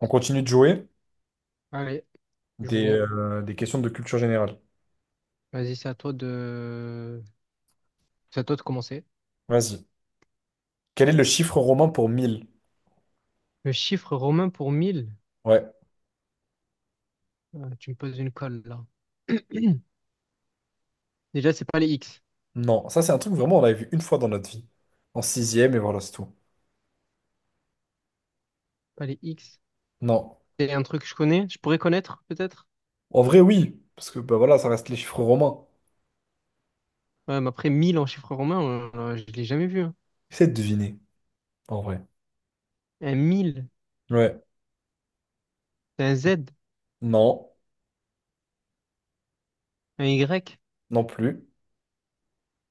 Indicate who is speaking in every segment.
Speaker 1: On continue de jouer
Speaker 2: Allez, jouons.
Speaker 1: des questions de culture générale.
Speaker 2: Vas-y, c'est à toi de commencer.
Speaker 1: Vas-y. Quel est le chiffre romain pour mille?
Speaker 2: Le chiffre romain pour 1000.
Speaker 1: Ouais.
Speaker 2: Ah, tu me poses une colle là. Déjà, c'est pas les X.
Speaker 1: Non, ça c'est un truc vraiment on l'avait vu une fois dans notre vie. En sixième et voilà, c'est tout.
Speaker 2: Pas les X.
Speaker 1: Non.
Speaker 2: C'est un truc que je connais. Je pourrais connaître, peut-être.
Speaker 1: En vrai, oui. Parce que bah voilà, ça reste les chiffres romains.
Speaker 2: Ouais, mais après, 1000 en chiffre romain, je l'ai jamais vu, hein.
Speaker 1: Essaye de deviner, en vrai.
Speaker 2: Un 1000,
Speaker 1: Ouais.
Speaker 2: c'est un Z,
Speaker 1: Non.
Speaker 2: un Y.
Speaker 1: Non plus.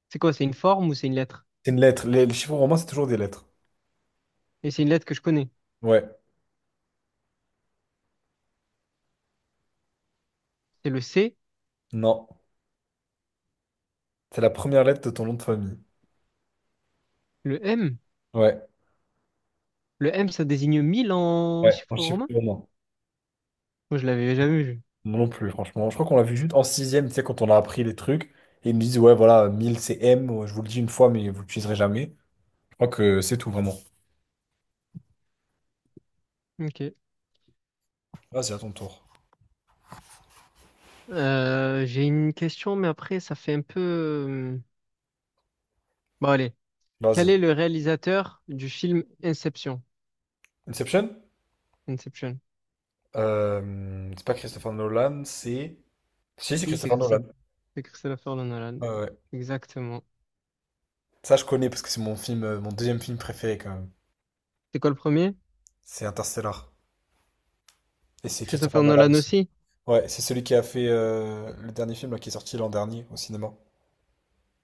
Speaker 2: C'est quoi? C'est une forme ou c'est une lettre?
Speaker 1: C'est une lettre. Les chiffres romains, c'est toujours des lettres.
Speaker 2: Et c'est une lettre que je connais.
Speaker 1: Ouais.
Speaker 2: C'est le C,
Speaker 1: Non. C'est la première lettre de ton nom de famille.
Speaker 2: le M.
Speaker 1: Ouais.
Speaker 2: Le M, ça désigne 1000 en
Speaker 1: Ouais. En
Speaker 2: chiffre
Speaker 1: chiffre
Speaker 2: romain?
Speaker 1: romain.
Speaker 2: Moi, je l'avais jamais vu.
Speaker 1: Moi non plus, franchement. Je crois qu'on l'a vu juste en sixième, tu sais, quand on a appris les trucs. Et ils me disent, ouais, voilà, 1000 c'est M, ouais, je vous le dis une fois, mais vous l'utiliserez jamais. Je crois que c'est tout, vraiment.
Speaker 2: Ok.
Speaker 1: Vas-y, à ton tour.
Speaker 2: J'ai une question, mais après, ça fait un peu. Bon, allez. Quel est
Speaker 1: Vas-y.
Speaker 2: le réalisateur du film Inception?
Speaker 1: Inception?
Speaker 2: Inception.
Speaker 1: C'est pas Christopher Nolan, c'est... Si, c'est
Speaker 2: Oui, c'est
Speaker 1: Christopher Nolan.
Speaker 2: Christophe. C'est Christopher Nolan.
Speaker 1: Ouais, ouais.
Speaker 2: Exactement.
Speaker 1: Ça, je connais parce que c'est mon film, mon deuxième film préféré, quand même.
Speaker 2: C'est quoi le premier?
Speaker 1: C'est Interstellar. Et c'est Christopher
Speaker 2: Christopher
Speaker 1: Nolan
Speaker 2: Nolan
Speaker 1: aussi.
Speaker 2: aussi.
Speaker 1: Ouais, c'est celui qui a fait le dernier film là, qui est sorti l'an dernier au cinéma.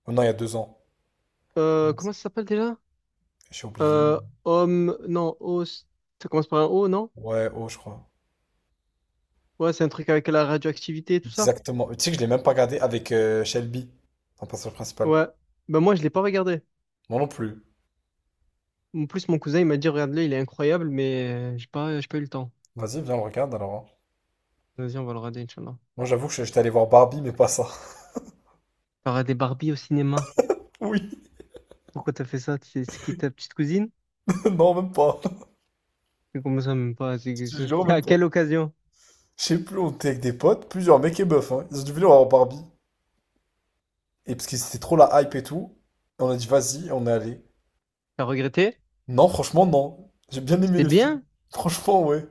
Speaker 1: Oh non, il y a deux ans.
Speaker 2: Euh,
Speaker 1: Mince.
Speaker 2: comment ça s'appelle déjà?
Speaker 1: J'ai oublié.
Speaker 2: Euh, homme... Non, os... Ça commence par un O, non?
Speaker 1: Ouais, oh, je crois.
Speaker 2: Ouais, c'est un truc avec la radioactivité et tout ça.
Speaker 1: Exactement. Tu sais que je l'ai même pas regardé avec Shelby, ton personnage principal.
Speaker 2: Ouais. Ben moi, je l'ai pas regardé.
Speaker 1: Moi non plus.
Speaker 2: En plus, mon cousin, il m'a dit, regarde-le, il est incroyable, mais j'ai pas eu le temps.
Speaker 1: Vas-y, viens, on le regarde alors, hein.
Speaker 2: Vas-y, on va le regarder, Inch'Allah.
Speaker 1: Moi j'étais allé voir Barbie, mais pas ça.
Speaker 2: Il y aura Barbie au cinéma.
Speaker 1: Oui,
Speaker 2: Pourquoi t'as fait ça? C'est qui ta petite cousine?
Speaker 1: non, même pas.
Speaker 2: Mais comment ça, même pas?
Speaker 1: Je te jure, même
Speaker 2: À
Speaker 1: pas.
Speaker 2: quelle occasion?
Speaker 1: Je sais plus, on était avec des potes, plusieurs mecs et meufs, hein. Ils ont dû venir voir Barbie. Et parce que c'était trop la hype et tout, on a dit, vas-y, on est allé.
Speaker 2: T'as regretté?
Speaker 1: Non, franchement, non. J'ai bien aimé
Speaker 2: C'était
Speaker 1: le film.
Speaker 2: bien?
Speaker 1: Franchement, ouais.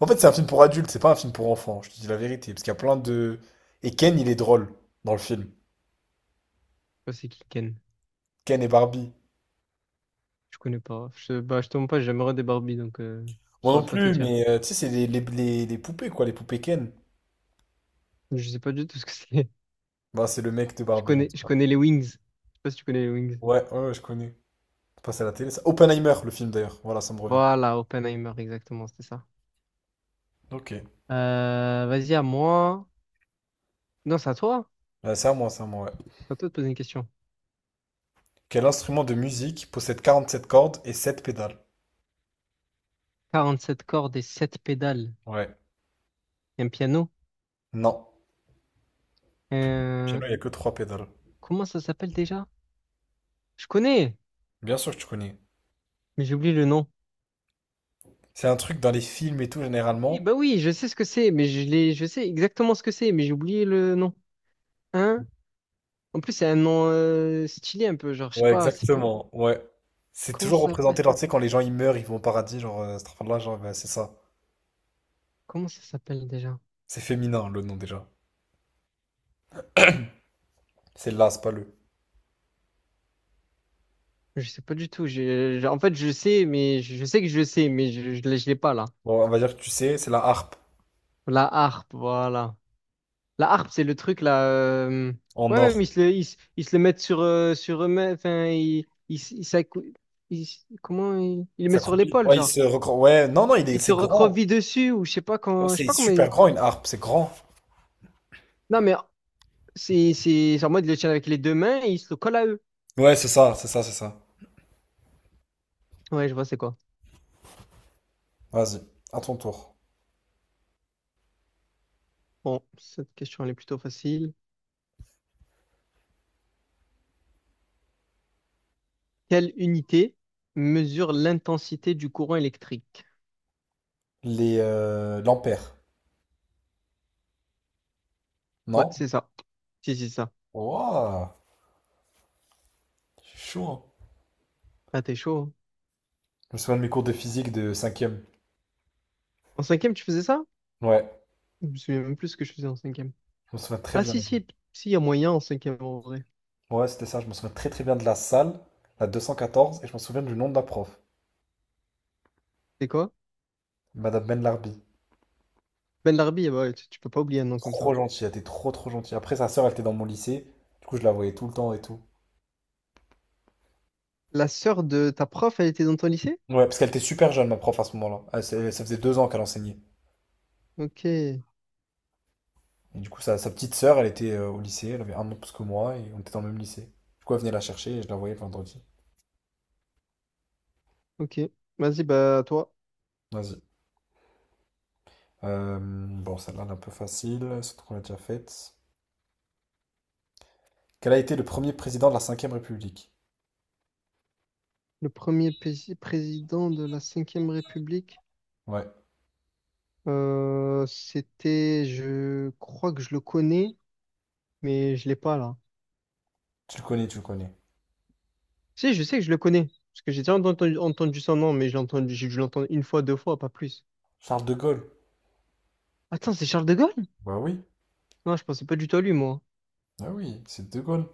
Speaker 1: En fait, c'est un film pour adultes, c'est pas un film pour enfants, je te dis la vérité. Parce qu'il y a plein de. Et Ken, il est drôle dans le film.
Speaker 2: Bah, c'est qui Ken?
Speaker 1: Ken et Barbie.
Speaker 2: Je connais pas. Bah, je te montre pas, j'ai jamais regardé Barbie, donc je
Speaker 1: Moi non
Speaker 2: saurais pas te
Speaker 1: plus,
Speaker 2: dire.
Speaker 1: mais tu sais, c'est les poupées, quoi, les poupées Ken.
Speaker 2: Je sais pas du tout ce que c'est.
Speaker 1: Bah, c'est le mec de
Speaker 2: Je
Speaker 1: Barbie, en
Speaker 2: connais,
Speaker 1: tout
Speaker 2: je
Speaker 1: cas.
Speaker 2: connais les Wings. Je sais pas si tu connais les Wings.
Speaker 1: Ouais, je connais. C'est passé à la télé, ça. Oppenheimer, le film d'ailleurs. Voilà, ça me revient.
Speaker 2: Voilà, Oppenheimer, exactement, c'était ça.
Speaker 1: Ok.
Speaker 2: Vas-y, à moi. Non, c'est à toi.
Speaker 1: Ouais, c'est à moi, ouais.
Speaker 2: C'est à toi de poser une question.
Speaker 1: Quel instrument de musique possède 47 cordes et 7 pédales?
Speaker 2: 47 cordes et 7 pédales.
Speaker 1: Ouais.
Speaker 2: Un piano.
Speaker 1: Non.
Speaker 2: Euh,
Speaker 1: Piano, il n'y a que 3 pédales.
Speaker 2: comment ça s'appelle déjà? Je connais,
Speaker 1: Bien sûr que tu connais.
Speaker 2: mais j'ai oublié le nom.
Speaker 1: C'est un truc dans les films et tout,
Speaker 2: Oui,
Speaker 1: généralement.
Speaker 2: bah oui, je sais ce que c'est, mais je sais exactement ce que c'est, mais j'ai oublié le nom. Hein? En plus, c'est un nom stylé un peu, genre, je sais
Speaker 1: Ouais,
Speaker 2: pas, c'est pas.
Speaker 1: exactement. Ouais. C'est
Speaker 2: Comment
Speaker 1: toujours
Speaker 2: ça
Speaker 1: représenté,
Speaker 2: s'appelle?
Speaker 1: genre, tu sais, quand les gens ils meurent, ils vont au paradis, genre, cette là, genre, bah, c'est ça.
Speaker 2: Comment ça s'appelle déjà?
Speaker 1: C'est féminin, le nom déjà. C'est là, c'est pas le.
Speaker 2: Je sais pas du tout. En fait, je sais, mais je sais que je sais, mais je l'ai pas là.
Speaker 1: Bon, on va dire que tu sais, c'est la harpe
Speaker 2: La harpe, voilà. La harpe, c'est le truc là.
Speaker 1: en
Speaker 2: Ouais,
Speaker 1: or.
Speaker 2: même ils se le mettent sur eux-mêmes. Enfin, ils, s- ils, s'accou- ils s- comment ils le
Speaker 1: Ça
Speaker 2: mettent sur
Speaker 1: croupit.
Speaker 2: l'épaule, genre.
Speaker 1: Ouais, non, non, il est,
Speaker 2: Ils te
Speaker 1: c'est grand.
Speaker 2: recroquevillent dessus ou je sais pas
Speaker 1: Ouais,
Speaker 2: quand, je sais
Speaker 1: c'est
Speaker 2: pas comment.
Speaker 1: super grand une harpe, c'est grand.
Speaker 2: Non, mais c'est en mode, ils le tiennent avec les deux mains et ils se le collent à eux.
Speaker 1: Ouais, c'est ça.
Speaker 2: Ouais, je vois, c'est quoi.
Speaker 1: Vas-y, à ton tour.
Speaker 2: Bon, cette question, elle est plutôt facile. Quelle unité mesure l'intensité du courant électrique?
Speaker 1: Les L'ampère.
Speaker 2: Ouais,
Speaker 1: Non?
Speaker 2: c'est ça. Si, si, ça.
Speaker 1: Waouh, c'est chaud, hein.
Speaker 2: Ah, t'es chaud, hein.
Speaker 1: Je me souviens de mes cours de physique de cinquième.
Speaker 2: En cinquième, tu faisais ça?
Speaker 1: Ouais,
Speaker 2: Je me souviens même plus ce que je faisais en cinquième.
Speaker 1: je me souviens très
Speaker 2: Ah,
Speaker 1: bien.
Speaker 2: si, si, si, il y a moyen en cinquième, en vrai.
Speaker 1: Ouais, c'était ça, je me souviens très très bien de la salle, la 214, et je me souviens du nom de la prof,
Speaker 2: C'est quoi?
Speaker 1: Madame Ben Larbi.
Speaker 2: Ben Larbi, eh ben ouais, tu peux pas oublier un nom comme
Speaker 1: Trop
Speaker 2: ça.
Speaker 1: gentille, elle était trop trop gentille. Après, sa sœur, elle était dans mon lycée. Du coup, je la voyais tout le temps et tout.
Speaker 2: La sœur de ta prof, elle était dans ton lycée?
Speaker 1: Ouais, parce qu'elle était super jeune, ma prof, à ce moment-là. Ça faisait deux ans qu'elle enseignait.
Speaker 2: Ok,
Speaker 1: Et du coup, sa petite sœur, elle était au lycée, elle avait un an de plus que moi, et on était dans le même lycée. Du coup, elle venait la chercher et je la voyais le vendredi.
Speaker 2: ok. Vas-y, bah, toi.
Speaker 1: Vas-y. Bon, celle-là, elle est un peu facile, surtout qu'on l'a déjà faite. Quel a été le premier président de la cinquième République?
Speaker 2: Le premier président de la cinquième République.
Speaker 1: Ouais,
Speaker 2: C'était, je crois que je le connais, mais je l'ai pas là.
Speaker 1: tu le connais.
Speaker 2: Si, je sais que je le connais, parce que j'ai déjà entendu son nom, mais je l'ai entendu, j'ai dû l'entendre une fois, deux fois, pas plus.
Speaker 1: Charles de Gaulle.
Speaker 2: Attends, c'est Charles de Gaulle?
Speaker 1: Bah oui,
Speaker 2: Non, je pensais pas du tout à lui, moi.
Speaker 1: Bah oui, c'est de Gaulle.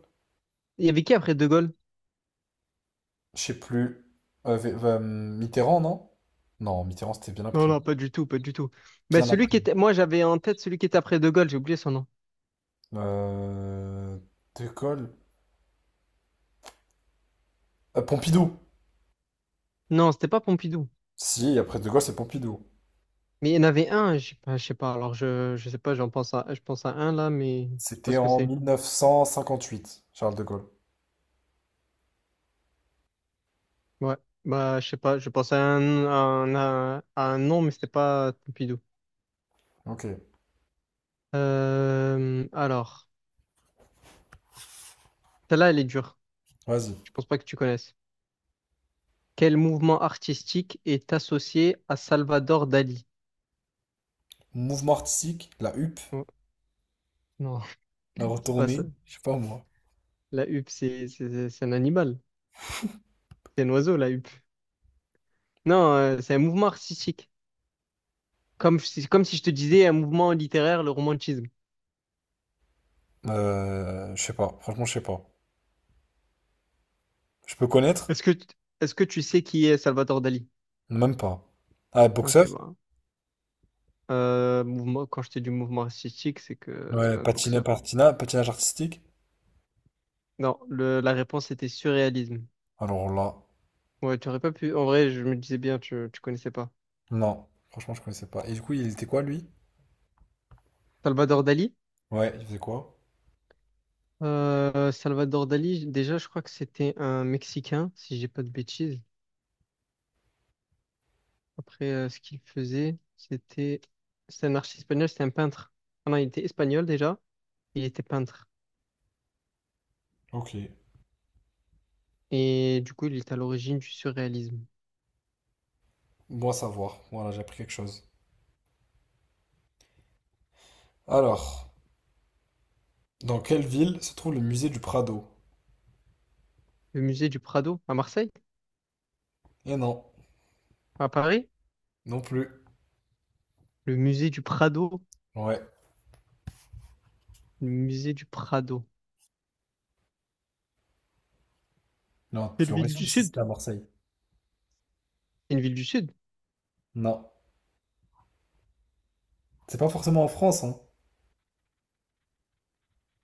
Speaker 2: Il y avait qui après de Gaulle?
Speaker 1: Je sais plus. Mitterrand, non? Non, Mitterrand, c'était bien
Speaker 2: Non,
Speaker 1: après.
Speaker 2: non, pas du tout, pas du tout. Ben,
Speaker 1: Bien
Speaker 2: celui
Speaker 1: après.
Speaker 2: qui était, moi, j'avais en tête celui qui était après de Gaulle, j'ai oublié son nom.
Speaker 1: Euh, de Gaulle. Pompidou.
Speaker 2: Non, c'était pas Pompidou.
Speaker 1: Si, après De Gaulle, c'est Pompidou.
Speaker 2: Mais il y en avait un, je sais pas, je sais pas. Alors, je sais pas, je pense à un là, mais je sais pas
Speaker 1: C'était
Speaker 2: ce que
Speaker 1: en
Speaker 2: c'est.
Speaker 1: 1958, Charles de Gaulle.
Speaker 2: Ouais, bah je sais pas, je pensais à un, à un nom, mais c'était pas Pompidou.
Speaker 1: Ok,
Speaker 2: Alors, celle-là, elle est dure.
Speaker 1: vas-y.
Speaker 2: Je pense pas que tu connaisses. Quel mouvement artistique est associé à Salvador Dali?
Speaker 1: Mouvement artistique, la huppe,
Speaker 2: Oh, non,
Speaker 1: la
Speaker 2: c'est pas ça.
Speaker 1: retournée, je sais pas moi.
Speaker 2: La huppe, c'est un animal. C'est un oiseau, la huppe. Non, c'est un mouvement artistique. Comme, comme si je te disais un mouvement littéraire, le romantisme.
Speaker 1: Je sais pas, franchement, je sais pas. Je peux connaître?
Speaker 2: Est-ce que, est-ce que tu sais qui est Salvador Dali?
Speaker 1: Même pas. Ah,
Speaker 2: Ok,
Speaker 1: boxeur?
Speaker 2: bah. Mouvement, quand je te dis mouvement artistique, c'est que c'est
Speaker 1: Ouais,
Speaker 2: pas un
Speaker 1: patiné,
Speaker 2: boxeur.
Speaker 1: patina, patinage artistique?
Speaker 2: Non, la réponse était surréalisme.
Speaker 1: Alors là,
Speaker 2: Ouais, tu aurais pas pu. En vrai, je me disais bien, tu connaissais pas.
Speaker 1: non, franchement, je connaissais pas. Et du coup, il était quoi, lui?
Speaker 2: Salvador Dali?
Speaker 1: Ouais, il faisait quoi?
Speaker 2: Salvador Dali, déjà, je crois que c'était un Mexicain, si j'ai pas de bêtises. Après, ce qu'il faisait, c'était. C'était un artiste espagnol, c'était un peintre. Ah non, il était espagnol déjà, il était peintre.
Speaker 1: Ok,
Speaker 2: Et du coup, il est à l'origine du surréalisme.
Speaker 1: bon à savoir. Voilà, j'ai appris quelque chose. Alors, dans quelle ville se trouve le musée du Prado?
Speaker 2: Le musée du Prado, à Marseille?
Speaker 1: Eh non,
Speaker 2: À Paris?
Speaker 1: non plus.
Speaker 2: Le musée du Prado?
Speaker 1: Ouais.
Speaker 2: Le musée du Prado.
Speaker 1: Non,
Speaker 2: C'est
Speaker 1: tu
Speaker 2: une
Speaker 1: l'aurais
Speaker 2: ville
Speaker 1: su
Speaker 2: du
Speaker 1: si
Speaker 2: Sud?
Speaker 1: c'était à Marseille.
Speaker 2: C'est une ville du Sud?
Speaker 1: Non. C'est pas forcément en France, hein.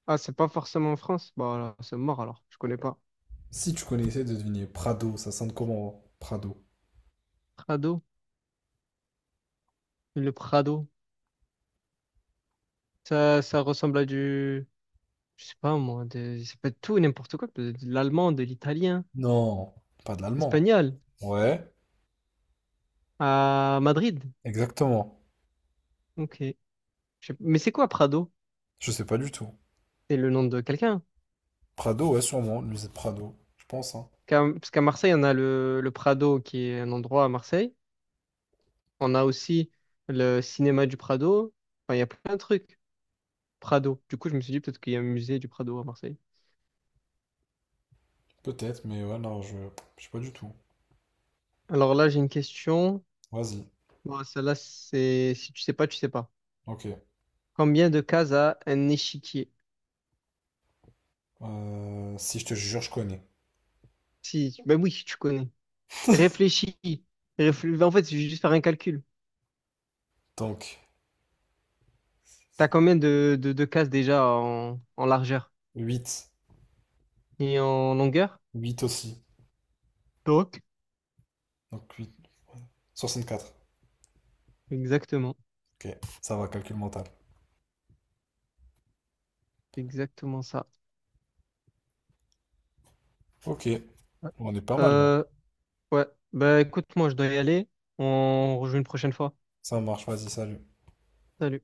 Speaker 2: Ah, c'est pas forcément en France? Bah, alors, c'est mort alors, je connais pas.
Speaker 1: Si tu connaissais de deviner Prado, ça sonne comment, hein, Prado?
Speaker 2: Prado? Le Prado? Ça ressemble à du. Je sais pas moi, ça peut être tout et n'importe quoi. Peut De l'allemand, de l'italien,
Speaker 1: Non, pas de l'allemand.
Speaker 2: espagnol,
Speaker 1: Ouais,
Speaker 2: à Madrid.
Speaker 1: exactement.
Speaker 2: Ok. Mais c'est quoi Prado?
Speaker 1: Je sais pas du tout.
Speaker 2: C'est le nom de quelqu'un.
Speaker 1: Prado, ouais, sûrement, le musée Prado. Je pense, hein.
Speaker 2: Parce qu'à Marseille, on a le Prado qui est un endroit à Marseille. On a aussi le cinéma du Prado. Enfin, il y a plein de trucs. Prado. Du coup, je me suis dit peut-être qu'il y a un musée du Prado à Marseille.
Speaker 1: Peut-être, mais ouais, non, je sais pas du tout.
Speaker 2: Alors là, j'ai une question.
Speaker 1: Vas-y.
Speaker 2: Bon, celle-là, c'est si tu sais pas, tu sais pas.
Speaker 1: Ok.
Speaker 2: Combien de cases a un échiquier?
Speaker 1: Si je te jure, je connais.
Speaker 2: Si, ben oui, tu connais. Réfléchis. Ben, en fait, je vais juste faire un calcul.
Speaker 1: Donc,
Speaker 2: T'as combien de cases déjà en largeur
Speaker 1: 8,
Speaker 2: et en longueur?
Speaker 1: 8 aussi.
Speaker 2: Donc.
Speaker 1: Donc huit. Soixante-quatre.
Speaker 2: Exactement.
Speaker 1: Ok, ça va, calcul mental.
Speaker 2: Exactement ça.
Speaker 1: Ok,
Speaker 2: Ouais.
Speaker 1: on est pas mal là.
Speaker 2: Euh, ouais. Ben écoute, moi, je dois y aller. On rejoue une prochaine fois.
Speaker 1: Ça marche, vas-y, salut.
Speaker 2: Salut.